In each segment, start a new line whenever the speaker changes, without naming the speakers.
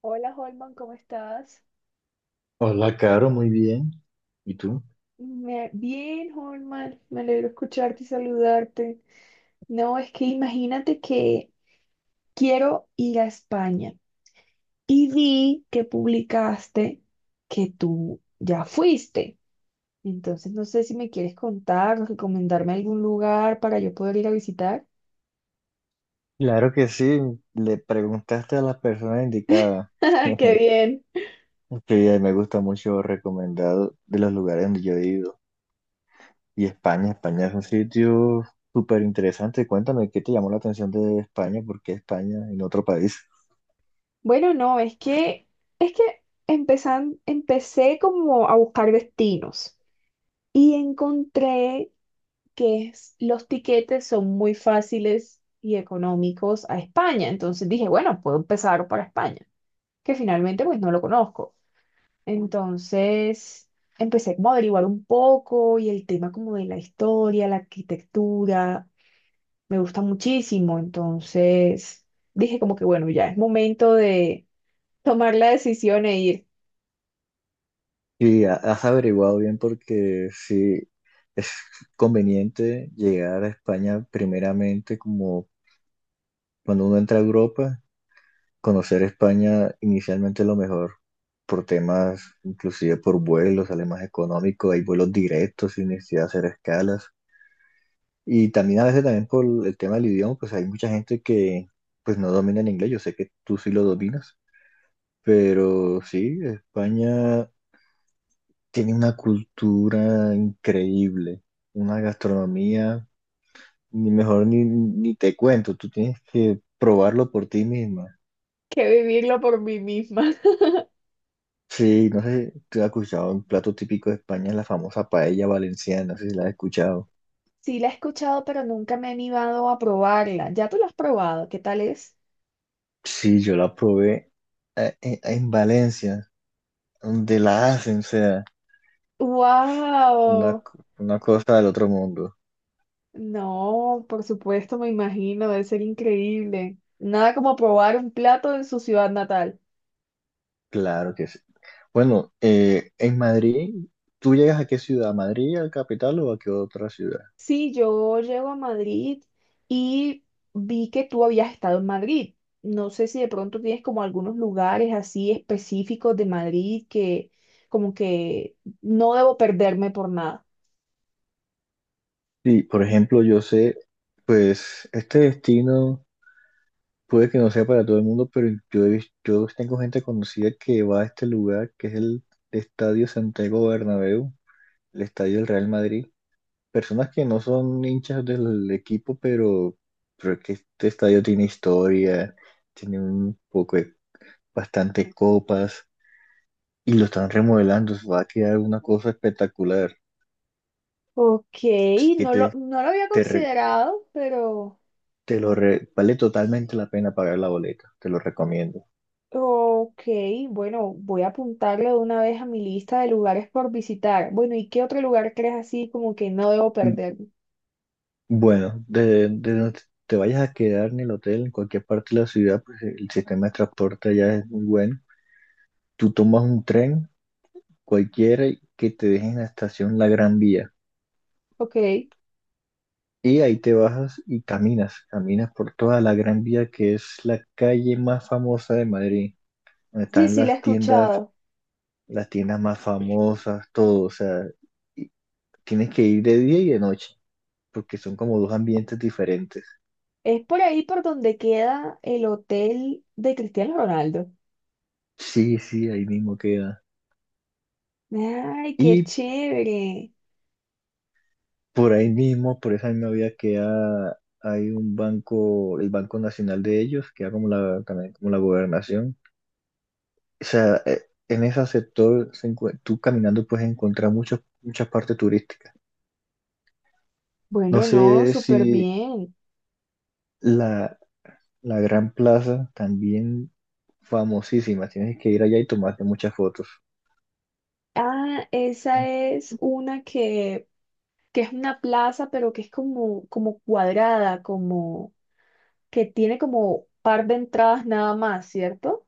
Hola, Holman, ¿cómo estás?
Hola, Caro, muy bien. ¿Y tú?
Bien, Holman, me alegro escucharte y saludarte. No, es que imagínate que quiero ir a España y vi que publicaste que tú ya fuiste. Entonces no sé si me quieres contar o recomendarme algún lugar para yo poder ir a visitar.
Claro que sí, le preguntaste a las personas indicadas.
¡Qué bien!
Que me gusta mucho recomendado de los lugares donde yo he ido. Y España es un sitio súper interesante. Cuéntame, ¿qué te llamó la atención de España? ¿Por qué España en otro país?
Bueno, no, es que es que empecé como a buscar destinos y encontré los tiquetes son muy fáciles y económicos a España. Entonces dije, bueno, puedo empezar para España, que finalmente pues no lo conozco. Entonces empecé como a averiguar un poco y el tema como de la historia, la arquitectura, me gusta muchísimo. Entonces dije como que bueno, ya es momento de tomar la decisión e ir,
¿Has averiguado bien? Porque sí es conveniente llegar a España primeramente como cuando uno entra a Europa. Conocer España inicialmente lo mejor por temas, inclusive por vuelos, sale más económico, hay vuelos directos sin necesidad de hacer escalas. Y también a veces también por el tema del idioma, pues hay mucha gente que pues no domina el inglés, yo sé que tú sí lo dominas, pero sí, España tiene una cultura increíble, una gastronomía, ni mejor ni te cuento, tú tienes que probarlo por ti misma.
que vivirlo por mí misma.
Sí, no sé si te has escuchado un plato típico de España, la famosa paella valenciana, no sé si la has escuchado.
Sí, la he escuchado, pero nunca me he animado a probarla. ¿Ya tú la has probado? ¿Qué tal es?
Sí, yo la probé en Valencia, donde la hacen, o sea,
Wow,
una cosa del otro mundo.
no, por supuesto, me imagino, debe ser increíble. Nada como probar un plato en su ciudad natal.
Claro que sí. Bueno, en Madrid, ¿tú llegas a qué ciudad? ¿A Madrid, al capital o a qué otra ciudad?
Sí, yo llego a Madrid y vi que tú habías estado en Madrid. No sé si de pronto tienes como algunos lugares así específicos de Madrid que como que no debo perderme por nada.
Sí, por ejemplo, yo sé, pues, este destino puede que no sea para todo el mundo, pero yo, yo tengo gente conocida que va a este lugar, que es el Estadio Santiago Bernabéu, el Estadio del Real Madrid. Personas que no son hinchas del equipo, pero es que este estadio tiene historia, tiene un poco de bastante copas y lo están remodelando. Se va a quedar una cosa espectacular.
Ok,
Así que te,
no lo había
te, re-
considerado, pero...
te lo re- vale totalmente la pena pagar la boleta, te lo recomiendo.
Ok, bueno, voy a apuntarle de una vez a mi lista de lugares por visitar. Bueno, ¿y qué otro lugar crees así como que no debo perder?
Bueno, de donde te vayas a quedar en el hotel, en cualquier parte de la ciudad, pues el sistema de transporte allá es muy bueno. Tú tomas un tren, cualquiera, que te deje en la estación La Gran Vía.
Ok, sí,
Y ahí te bajas y caminas por toda la Gran Vía, que es la calle más famosa de Madrid, donde están
sí, la he escuchado.
las tiendas más famosas, todo. O sea, y tienes que ir de día y de noche, porque son como dos ambientes diferentes.
Es por ahí por donde queda el hotel de Cristiano Ronaldo.
Sí, sí, ahí mismo queda.
Ay, qué
Y
chévere.
por ahí mismo, por esa misma vía queda, hay un banco, el Banco Nacional de ellos, queda como la, también como la gobernación. O sea, en ese sector, tú caminando puedes encontrar muchas partes turísticas. No
Bueno,
sé
no,
si
súper bien.
la, la Gran Plaza, también famosísima, tienes que ir allá y tomarte muchas fotos.
Ah, esa es una que es una plaza, pero que es como, como cuadrada, como que tiene como par de entradas nada más, ¿cierto?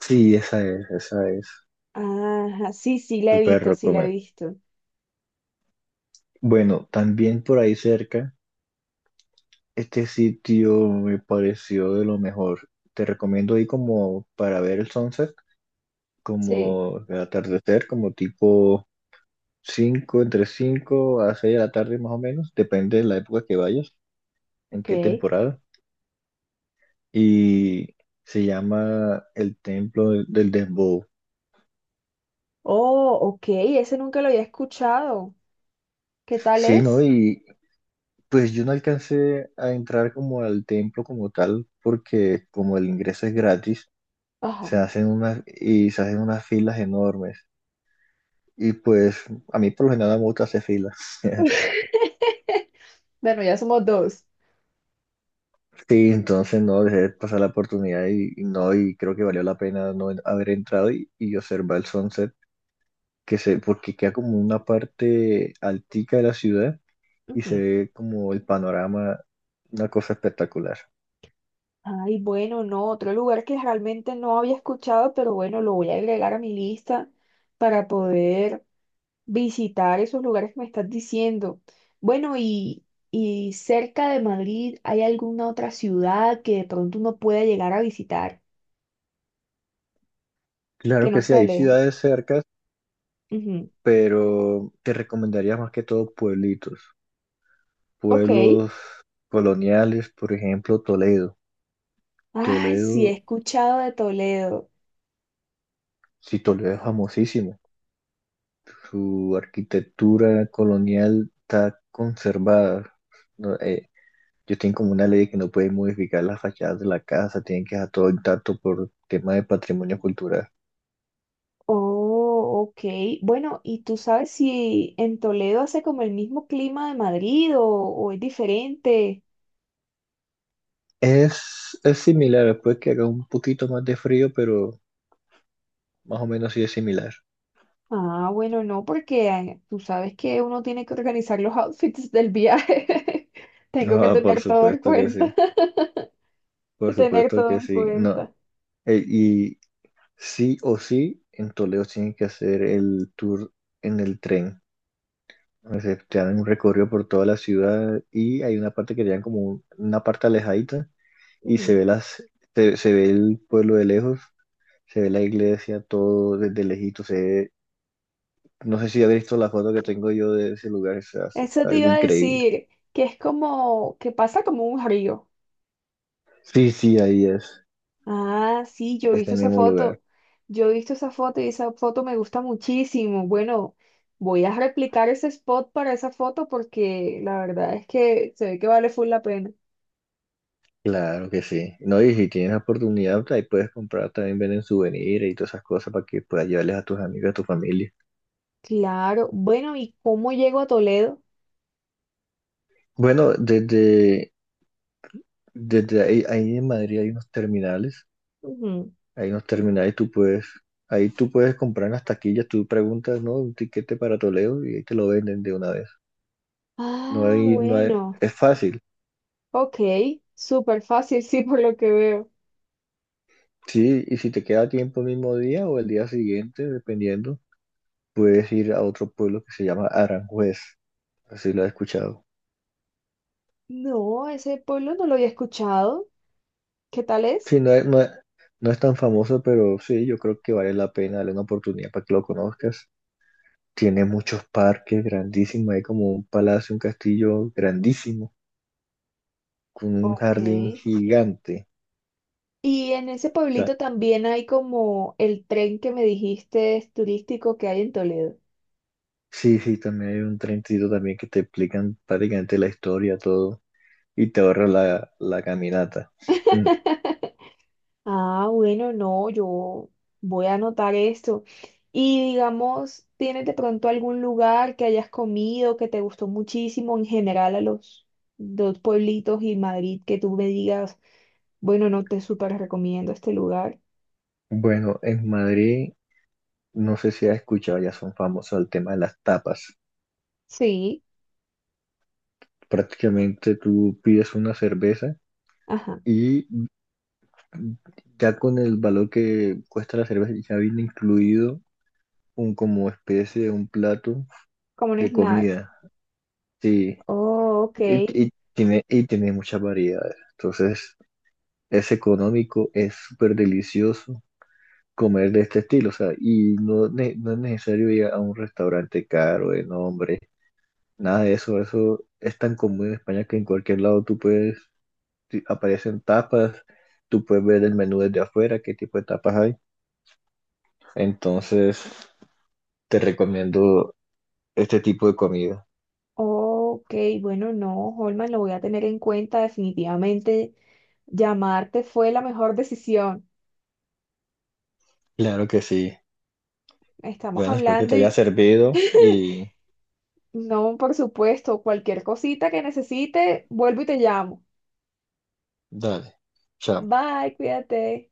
Sí, esa es.
Ajá, sí, sí, la he
Súper
visto, sí, la he
recomendable.
visto.
Bueno, también por ahí cerca. Este sitio me pareció de lo mejor. Te recomiendo ir como para ver el sunset,
Sí,
como el atardecer, como tipo 5 entre 5 a 6 de la tarde más o menos, depende de la época que vayas, en qué
ok.
temporada. Y se llama el Templo del Dembow.
Oh, ok, ese nunca lo había escuchado. ¿Qué tal
Sí, ¿no?
es?
Y pues yo no alcancé a entrar como al templo como tal, porque como el ingreso es gratis,
Ajá.
se hacen unas filas enormes. Y pues a mí por lo general no me gusta hacer filas.
Bueno, ya somos dos.
Sí, entonces no dejé pasar la oportunidad y no, y creo que valió la pena no en- haber entrado y observar el sunset, porque queda como una parte altica de la ciudad y se
Ujú.
ve como el panorama, una cosa espectacular.
Ay, bueno, no, otro lugar que realmente no había escuchado, pero bueno, lo voy a agregar a mi lista para poder visitar esos lugares que me estás diciendo. Bueno, y cerca de Madrid, ¿hay alguna otra ciudad que de pronto uno pueda llegar a visitar
Claro
que no
que sí,
sea
hay
lejos?
ciudades cercas,
Ujú.
pero te recomendaría más que todo pueblitos,
Ok.
pueblos coloniales, por ejemplo, Toledo.
Ay, sí, he
Toledo,
escuchado de Toledo.
sí, Toledo es famosísimo. Su arquitectura colonial está conservada. No, ellos tienen como una ley que no pueden modificar las fachadas de la casa, tienen que dejar todo intacto por tema de patrimonio cultural.
Oh, ok. Bueno, ¿y tú sabes si en Toledo hace como el mismo clima de Madrid o es diferente?
Es similar, después que haga un poquito más de frío, pero más o menos sí es similar.
Ah, bueno, no, porque tú sabes que uno tiene que organizar los outfits del viaje. Tengo que
Ah, por
tener todo en
supuesto que sí,
cuenta. Que
por
tener
supuesto
todo
que
en
sí. No,
cuenta.
y sí o sí, en Toledo tienen que hacer el tour en el tren. Se te dan un recorrido por toda la ciudad y hay una parte que te como una parte alejadita y
Ujú.
se ve el pueblo de lejos, se ve la iglesia, todo desde lejito, no sé si has visto la foto que tengo yo de ese lugar, es
Eso te
algo
iba a
increíble.
decir, que es como, que pasa como un río.
Sí, sí, ahí
Ah, sí, yo he
es
visto
el
esa
mismo lugar.
foto. Yo he visto esa foto y esa foto me gusta muchísimo. Bueno, voy a replicar ese spot para esa foto porque la verdad es que se ve que vale full la pena.
Claro que sí. No, y si tienes la oportunidad, ahí puedes comprar también, venden souvenirs y todas esas cosas para que puedas llevarles a tus amigos, a tu familia.
Claro. Bueno, ¿y cómo llego a Toledo?
Bueno, desde ahí, ahí en Madrid hay unos terminales.
Ujú.
Ahí nos termina y ahí tú puedes comprar en las taquillas, tú preguntas, ¿no? Un tiquete para Toledo y ahí te lo venden de una vez.
Ah,
No hay,
bueno.
es fácil.
Ok, súper fácil, sí, por lo que veo.
Sí, y si te queda tiempo el mismo día o el día siguiente, dependiendo, puedes ir a otro pueblo que se llama Aranjuez, así lo he escuchado.
No, ese pueblo no lo había escuchado. ¿Qué tal
Sí,
es?
no es tan famoso, pero sí, yo creo que vale la pena darle una oportunidad para que lo conozcas. Tiene muchos parques grandísimos, hay como un palacio, un castillo grandísimo, con un
Ok.
jardín gigante.
Y en ese pueblito también hay como el tren que me dijiste es turístico que hay en Toledo.
Sí, sí, también hay un trencito también que te explican prácticamente la historia, todo, y te ahorra la caminata. Mm.
Ah, bueno, no, yo voy a anotar esto. Y digamos, ¿tienes de pronto algún lugar que hayas comido que te gustó muchísimo en general a los dos pueblitos y Madrid que tú me digas, bueno, no te súper recomiendo este lugar?
Bueno, en Madrid, no sé si has escuchado, ya son famosos el tema de las tapas.
Sí,
Prácticamente tú pides una cerveza
ajá,
y ya con el valor que cuesta la cerveza ya viene incluido un como especie de un plato
como un
de
snack.
comida. Sí,
Oh, ok.
y tiene muchas variedades. Entonces, es económico, es súper delicioso comer de este estilo, o sea, no es necesario ir a un restaurante caro, de nombre, nada de eso, eso es tan común en España que en cualquier lado aparecen tapas, tú puedes ver el menú desde afuera, qué tipo de tapas hay, entonces te recomiendo este tipo de comida.
Ok, bueno, no, Holman, lo voy a tener en cuenta. Definitivamente llamarte fue la mejor decisión.
Claro que sí.
Estamos
Bueno, espero que te
hablando
haya
y
servido y
no, por supuesto, cualquier cosita que necesite, vuelvo y te llamo.
dale, chao.
Bye, cuídate.